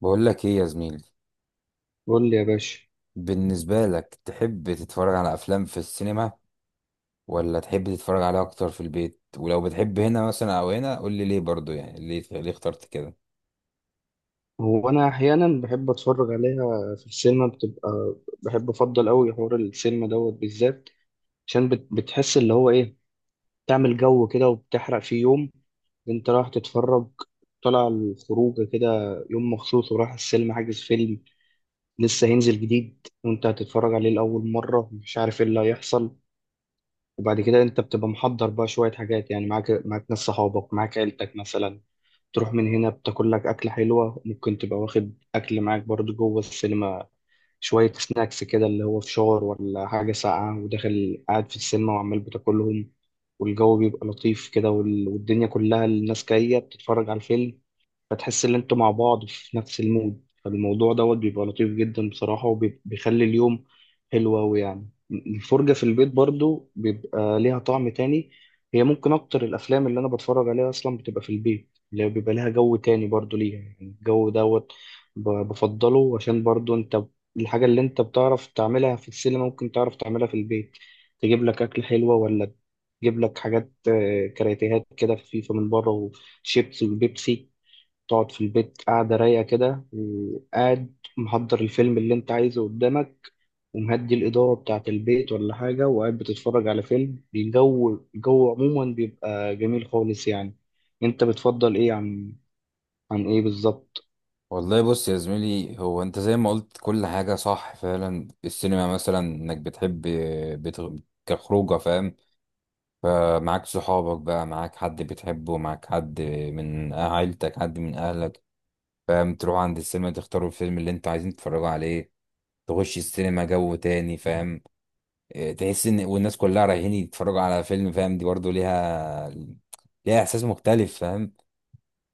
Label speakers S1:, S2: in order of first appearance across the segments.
S1: بقول لك ايه يا زميلي؟
S2: قول لي يا باشا.
S1: بالنسبة لك، تحب تتفرج على افلام في السينما، ولا تحب تتفرج عليها اكتر في البيت؟ ولو بتحب هنا مثلا او هنا، قول لي ليه؟ برضو يعني ليه، اخترت كده؟
S2: هو انا احيانا بحب اتفرج عليها في السينما، بتبقى بحب افضل قوي حوار السينما دوت بالذات، عشان بتحس اللي هو ايه. تعمل جو كده وبتحرق فيه يوم انت رايح تتفرج، طالع الخروج كده، يوم مخصوص ورايح السينما حاجز فيلم لسه هينزل جديد، وانت هتتفرج عليه لاول مره، مش عارف ايه اللي هيحصل. وبعد كده انت بتبقى محضر بقى شوية حاجات، يعني معاك ناس صحابك، معاك عيلتك مثلا، تروح من هنا بتاكل لك أكلة حلوة، ممكن تبقى واخد أكل معاك برضو جوه السينما، شوية سناكس كده اللي هو فشار ولا حاجة ساقعة، وداخل قاعد في السينما وعمال بتاكلهم، والجو بيبقى لطيف كده، والدنيا كلها الناس جاية بتتفرج على الفيلم، فتحس ان انتوا مع بعض في نفس المود. فالموضوع دوت بيبقى لطيف جدا بصراحة، وبيخلي اليوم حلو أوي. يعني الفرجة في البيت برضو بيبقى ليها طعم تاني. هي ممكن أكتر الأفلام اللي أنا بتفرج عليها أصلا بتبقى في البيت، اللي هي بيبقى لها جو تاني برضو ليها، يعني الجو دوت بفضله، عشان برضو الحاجة اللي أنت بتعرف تعملها في السينما ممكن تعرف تعملها في البيت. تجيب لك أكل حلوة، ولا تجيب لك حاجات، كراتيهات كده خفيفة من بره، وشيبس وبيبسي، تقعد في البيت قاعدة رايقة كده، قاعد محضر الفيلم اللي انت عايزه قدامك، ومهدي الإضاءة بتاعة البيت ولا حاجة، وقاعد بتتفرج على فيلم. الجو عموما بيبقى جميل خالص يعني. انت بتفضل ايه عن عن ايه بالظبط؟
S1: والله بص يا زميلي، هو انت زي ما قلت كل حاجة صح فعلا، السينما مثلا انك بتحب بتغ... كخروجة، فاهم؟ فمعاك صحابك بقى، معاك حد بتحبه، معاك حد من عيلتك، حد من اهلك، فاهم؟ تروح عند السينما، تختاروا الفيلم اللي انتوا عايزين تتفرجوا عليه، تخش السينما، جو تاني، فاهم؟ إيه، تحس ان والناس كلها رايحين يتفرجوا على فيلم، فاهم؟ دي برضو ليها، احساس مختلف، فاهم؟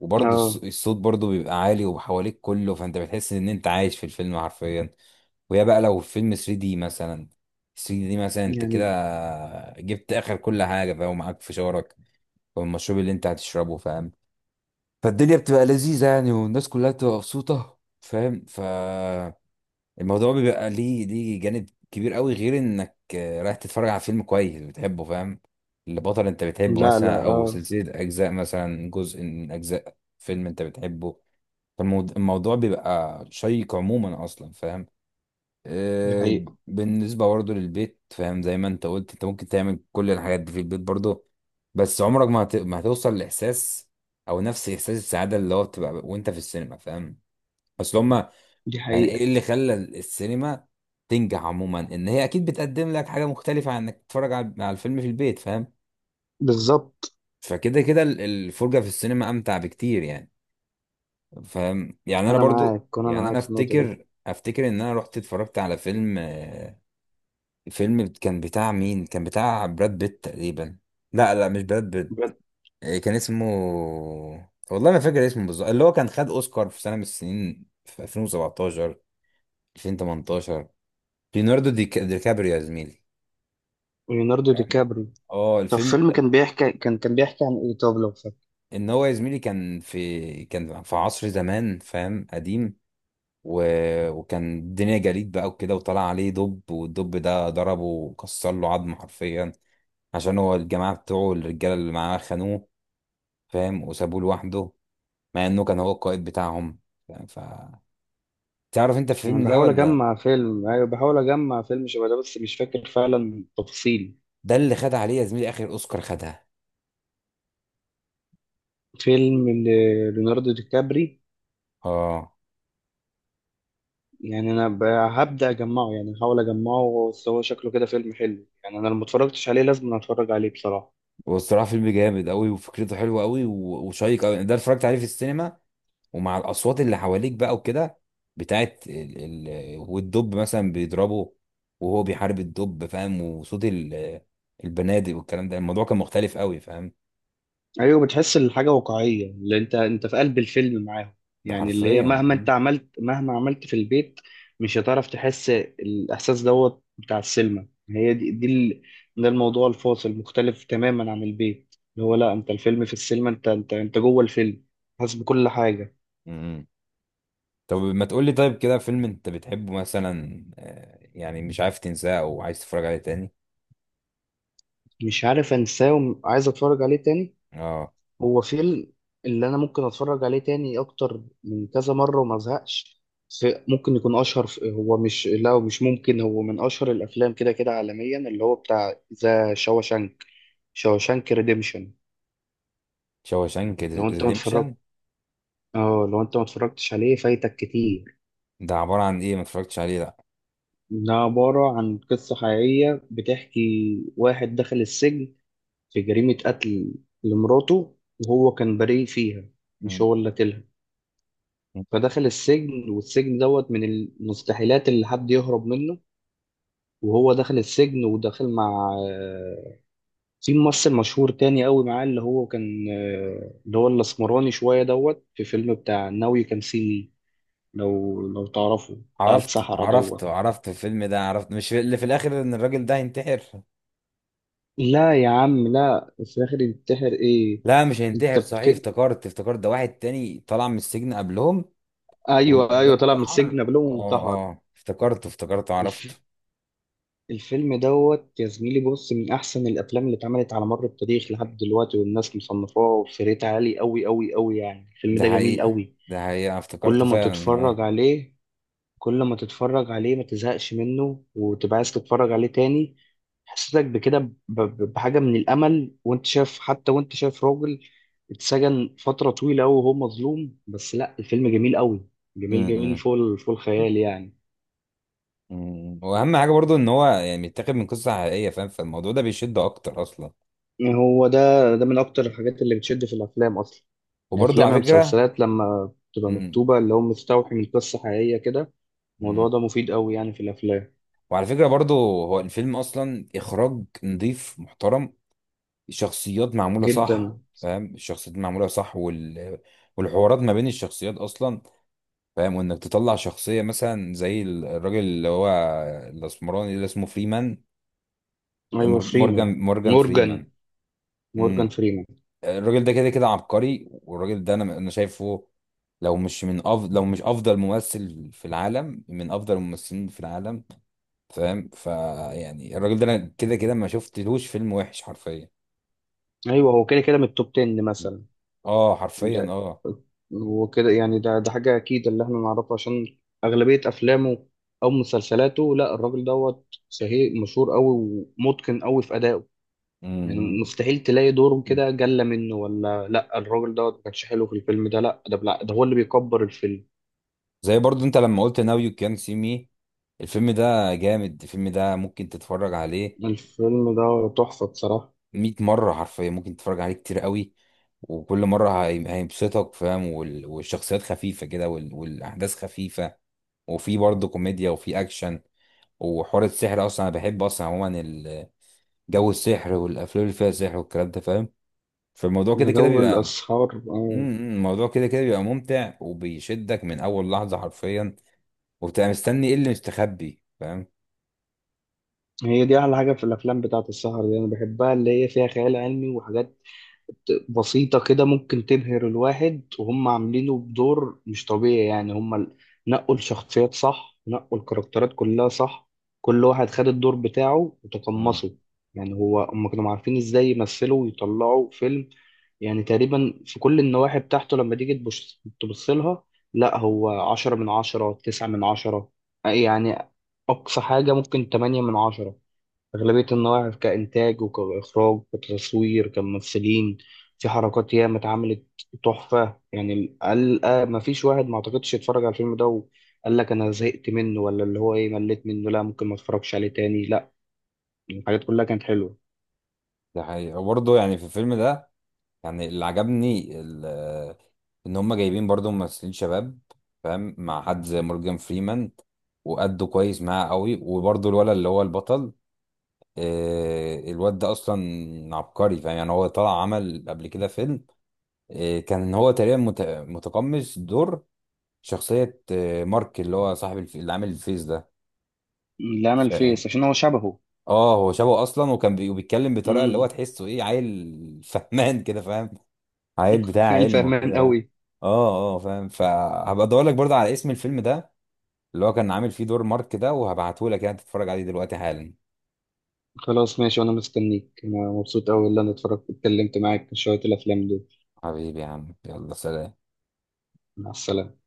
S1: وبرضو
S2: اه.
S1: الصوت برضو بيبقى عالي وحواليك كله، فانت بتحس ان انت عايش في الفيلم حرفيا. وهي بقى لو فيلم 3 دي مثلا، انت كده
S2: يعني.
S1: جبت اخر كل حاجه، فاهم؟ ومعاك فشارك والمشروب اللي انت هتشربه، فاهم؟ فالدنيا بتبقى لذيذه يعني، والناس كلها بتبقى مبسوطه، فاهم؟ الموضوع بيبقى ليه، جانب كبير قوي، غير انك رايح تتفرج على فيلم كويس بتحبه، فاهم؟ البطل انت بتحبه
S2: لا لا،
S1: مثلا، او
S2: اه
S1: سلسلة اجزاء، مثلا جزء من اجزاء فيلم انت بتحبه. فالموضوع بيبقى شيق عموما اصلا، فاهم؟
S2: دي
S1: آه،
S2: حقيقة.
S1: بالنسبة برضه للبيت، فاهم؟ زي ما انت قلت انت ممكن تعمل كل الحاجات دي في البيت برضه، بس عمرك ما هتوصل لاحساس، او نفس احساس السعادة اللي هو بتبقى وانت في السينما، فاهم؟ اصل هما،
S2: دي
S1: يعني ايه
S2: حقيقة.
S1: اللي خلى السينما تنجح عموما؟ ان هي اكيد بتقدم لك حاجه مختلفه عن انك تتفرج على الفيلم في البيت، فاهم؟
S2: بالظبط.
S1: فكده كده الفرجه في السينما امتع بكتير يعني، فاهم؟ يعني انا
S2: انا
S1: برضو
S2: معاك، انا
S1: يعني انا
S2: معاك في النقطة دي.
S1: افتكر ان انا رحت اتفرجت على فيلم، فيلم كان بتاع مين؟ كان بتاع براد بيت تقريبا. لا، لا، مش براد بيت.
S2: بجد؟
S1: كان اسمه، والله ما فاكر اسمه بالظبط، اللي هو كان خد اوسكار في سنه من السنين، في 2017، 2018، ليوناردو دي كابريو يا زميلي،
S2: ليوناردو دي
S1: فاهم؟
S2: كابري.
S1: اه،
S2: طب فيلم كان بيحكي، كان بيحكي عن ايه؟ طب لو فاكر.
S1: ان هو يا زميلي كان في عصر زمان، فاهم؟ قديم، و... وكان الدنيا جليد بقى وكده، وطلع عليه دب، والدب ده ضربه وكسر له عظم حرفيا، عشان هو الجماعه بتوعه الرجاله اللي معاه خانوه، فاهم؟ وسابوه لوحده مع انه كان هو القائد بتاعهم، فاهم؟ تعرف انت
S2: أنا
S1: الفيلم ده
S2: بحاول
S1: ولا؟
S2: أجمع فيلم، أيوة بحاول أجمع فيلم شبه ده، بس مش فاكر فعلا تفاصيل.
S1: ده اللي خد عليه يا زميلي اخر اوسكار، خدها.
S2: فيلم ليوناردو دي كابري.
S1: اه،
S2: يعني هبدأ أجمعه، يعني هحاول أجمعه، بس هو شكله كده فيلم حلو يعني. أنا لو متفرجتش عليه لازم أتفرج عليه بصراحة.
S1: والصراحه فيلم جامد قوي وفكرته حلوه قوي وشيق قوي، ده اتفرجت عليه في السينما، ومع الاصوات اللي حواليك بقى وكده، بتاعت والدب مثلا بيضربه وهو بيحارب الدب، فاهم؟ وصوت البنادق والكلام ده، الموضوع كان مختلف قوي، فاهم؟
S2: ايوه، بتحس الحاجه واقعيه، اللي انت انت في قلب الفيلم معاهم،
S1: ده
S2: يعني اللي هي
S1: حرفيا.
S2: مهما انت عملت، مهما عملت في البيت مش هتعرف تحس الاحساس دوت بتاع السينما. هي دي ده الموضوع الفاصل، مختلف تماما عن البيت، اللي هو لا انت الفيلم في السينما، انت انت جوه الفيلم، حاسس بكل حاجه.
S1: امم. طب ما تقول لي طيب، كده فيلم انت بتحبه مثلا، يعني مش عارف تنساه او عايز تتفرج عليه تاني؟
S2: مش عارف انساه وعايز اتفرج عليه تاني.
S1: اه.
S2: هو فيلم اللي انا ممكن اتفرج عليه تاني اكتر من كذا مره وما ازهقش. ممكن يكون اشهر، هو مش ممكن، هو من اشهر الافلام كده كده عالميا، اللي هو بتاع ذا شاوشانك، شاوشانك ريديمشن.
S1: شاوشانك
S2: لو انت ما
S1: ريديمشن؟
S2: اتفرجت، اه لو انت ما اتفرجتش عليه فايتك كتير.
S1: ده عبارة عن ايه؟ ما اتفرجتش عليه ده.
S2: ده عباره عن قصه حقيقيه، بتحكي واحد دخل السجن في جريمه قتل لمراته، وهو كان بريء فيها، مش
S1: أمم.
S2: هو اللي قتلها. فدخل السجن، والسجن دوت من المستحيلات اللي حد يهرب منه. وهو دخل السجن ودخل مع في ممثل مشهور تاني قوي معاه، اللي هو كان، اللي هو الاسمراني شوية دوت في فيلم بتاع ناو يو كان سي مي. لو لو تعرفه، بتاع السحرة دوت.
S1: عرفت الفيلم ده، عرفت، مش اللي في الاخر ان الراجل ده هينتحر؟
S2: لا يا عم، لا، في الآخر ينتحر ايه؟
S1: لا، مش هينتحر،
S2: انت
S1: صحيح،
S2: بك...
S1: افتكرت ده واحد تاني طلع من السجن قبلهم،
S2: ايوه ايوه،
S1: وده
S2: طلع من
S1: انتحر،
S2: السجن قبلهم
S1: اه.
S2: وانتحر.
S1: اه، افتكرته، عرفته.
S2: الفيلم دوت يا زميلي، بص، من أحسن الأفلام اللي اتعملت على مر التاريخ لحد دلوقتي، والناس مصنفاه في ريت عالي أوي أوي أوي، يعني الفيلم
S1: ده
S2: ده جميل
S1: حقيقة،
S2: أوي.
S1: ده حقيقة،
S2: كل
S1: افتكرته
S2: ما
S1: فعلا،
S2: تتفرج
S1: اه.
S2: عليه، كل ما تتفرج عليه ما تزهقش منه، وتبقى عايز تتفرج عليه تاني. حسيتك بكده بحاجة من الأمل، وأنت شايف، حتى وأنت شايف راجل اتسجن فترة طويلة أوي وهو مظلوم، بس لأ الفيلم جميل أوي، جميل جميل
S1: امم،
S2: فوق الخيال يعني.
S1: امم. واهم حاجة برضو ان هو يعني متاخد من قصة حقيقية، فاهم؟ فالموضوع ده بيشد اكتر اصلا،
S2: هو ده من اكتر الحاجات اللي بتشد في الافلام اصلا.
S1: وبرضو
S2: الافلام يا
S1: على فكرة.
S2: مسلسلات لما بتبقى
S1: امم،
S2: مكتوبه اللي هو مستوحي من قصه حقيقيه كده، الموضوع
S1: امم.
S2: ده مفيد قوي يعني في الافلام.
S1: وعلى فكرة برضو، هو الفيلم اصلا اخراج نظيف محترم، الشخصيات معمولة صح،
S2: جدا.
S1: فاهم؟ الشخصيات معمولة صح والحوارات ما بين الشخصيات اصلا، فاهم؟ وانك تطلع شخصيه مثلا زي الراجل اللي هو الاسمراني، اللي اسمه فريمان،
S2: ايوه فريمان.
S1: مورجان فريمان.
S2: مورجان، مورجان
S1: امم.
S2: فريمان.
S1: الراجل ده كده كده عبقري، والراجل ده انا شايفه، لو مش افضل ممثل في العالم، من افضل الممثلين في العالم، فاهم؟ فيعني الراجل ده انا كده كده ما شفتلوش فيلم وحش حرفيا.
S2: ايوه، هو كده كده من التوب 10 مثلا.
S1: اه حرفيا،
S2: ده
S1: اه.
S2: هو كده يعني، ده حاجه اكيد اللي احنا نعرفه، عشان اغلبيه افلامه او مسلسلاته، لا الراجل دوت شهير مشهور قوي، ومتقن قوي في ادائه. يعني
S1: امم.
S2: مستحيل تلاقي دوره كده جلة منه، ولا لا الراجل دوت ما كانش حلو في الفيلم ده، لا ده بلا، ده هو اللي بيكبر الفيلم.
S1: زي برضو انت لما قلت ناو يو كان سي مي، الفيلم ده جامد، الفيلم ده ممكن تتفرج عليه
S2: الفيلم ده تحفة بصراحة.
S1: 100 مرة حرفيا، ممكن تتفرج عليه كتير قوي، وكل مرة هيبسطك، فاهم؟ والشخصيات خفيفة كده، والأحداث خفيفة، وفي برضه كوميديا وفي أكشن، وحوار السحر أصلا أنا بحب أصلا عموما جو السحر والأفلام اللي فيها سحر والكلام ده، فاهم؟ فالموضوع
S2: ده
S1: كده كده
S2: جو
S1: بيبقى
S2: الأسهار،
S1: الموضوع كده كده بيبقى ممتع، وبيشدك من أول لحظة حرفيا، وبتبقى مستني إيه اللي مستخبي، فاهم؟
S2: هي دي أحلى حاجة في الأفلام بتاعة السهر دي، أنا بحبها، اللي هي فيها خيال علمي وحاجات بسيطة كده ممكن تبهر الواحد، وهم عاملينه بدور مش طبيعي يعني. هم نقوا الشخصيات صح، نقوا الكاركترات كلها صح، كل واحد خد الدور بتاعه
S1: مم.
S2: وتقمصه. يعني هو، هم كانوا عارفين ازاي يمثلوا ويطلعوا فيلم، يعني تقريبا في كل النواحي بتاعته. لما تيجي تبص، تبص لها، لا هو 10/10، 9/10 يعني، أقصى حاجة ممكن 8/10. أغلبية النواحي كإنتاج وكإخراج كتصوير كممثلين، في حركات ياما اتعملت، تحفة يعني. قال آه، ما فيش واحد ما أعتقدش يتفرج على الفيلم ده وقال لك أنا زهقت منه، ولا اللي هو إيه، مليت منه، لا ممكن ما أتفرجش عليه تاني، لا الحاجات كلها كانت حلوة.
S1: ده حقيقة. وبرضه يعني في الفيلم ده، يعني اللي عجبني ان هم جايبين برضو ممثلين شباب، فاهم؟ مع حد زي مورجان فريمان، وأدوا كويس معاه قوي، وبرضو الولد اللي هو البطل، الواد ده اصلا عبقري، فاهم؟ يعني هو طلع عمل قبل كده فيلم، كان هو تقريبا متقمص دور شخصية، مارك اللي هو صاحب اللي عامل الفيس ده.
S2: لا أنا
S1: ف...
S2: الفيس عشان هو شبهه.
S1: اه، هو شبهه اصلا، وكان بيتكلم بطريقة اللي هو
S2: امم.
S1: تحسه ايه، عيل فهمان كده، فاهم؟ عيل بتاع علم
S2: الفهمان
S1: وكده.
S2: قوي.
S1: اه، اه، فاهم، فهبقى ادور لك برضه على اسم الفيلم ده، اللي هو كان عامل فيه دور مارك ده، وهبعته لك يعني تتفرج عليه دلوقتي حالا.
S2: خلاص ماشي، وأنا مستنيك، أنا مبسوط أوي اللي أنا اتفرجت اتكلمت معاك في شوية الأفلام دول.
S1: حبيبي يا عم، يلا سلام.
S2: مع السلامة.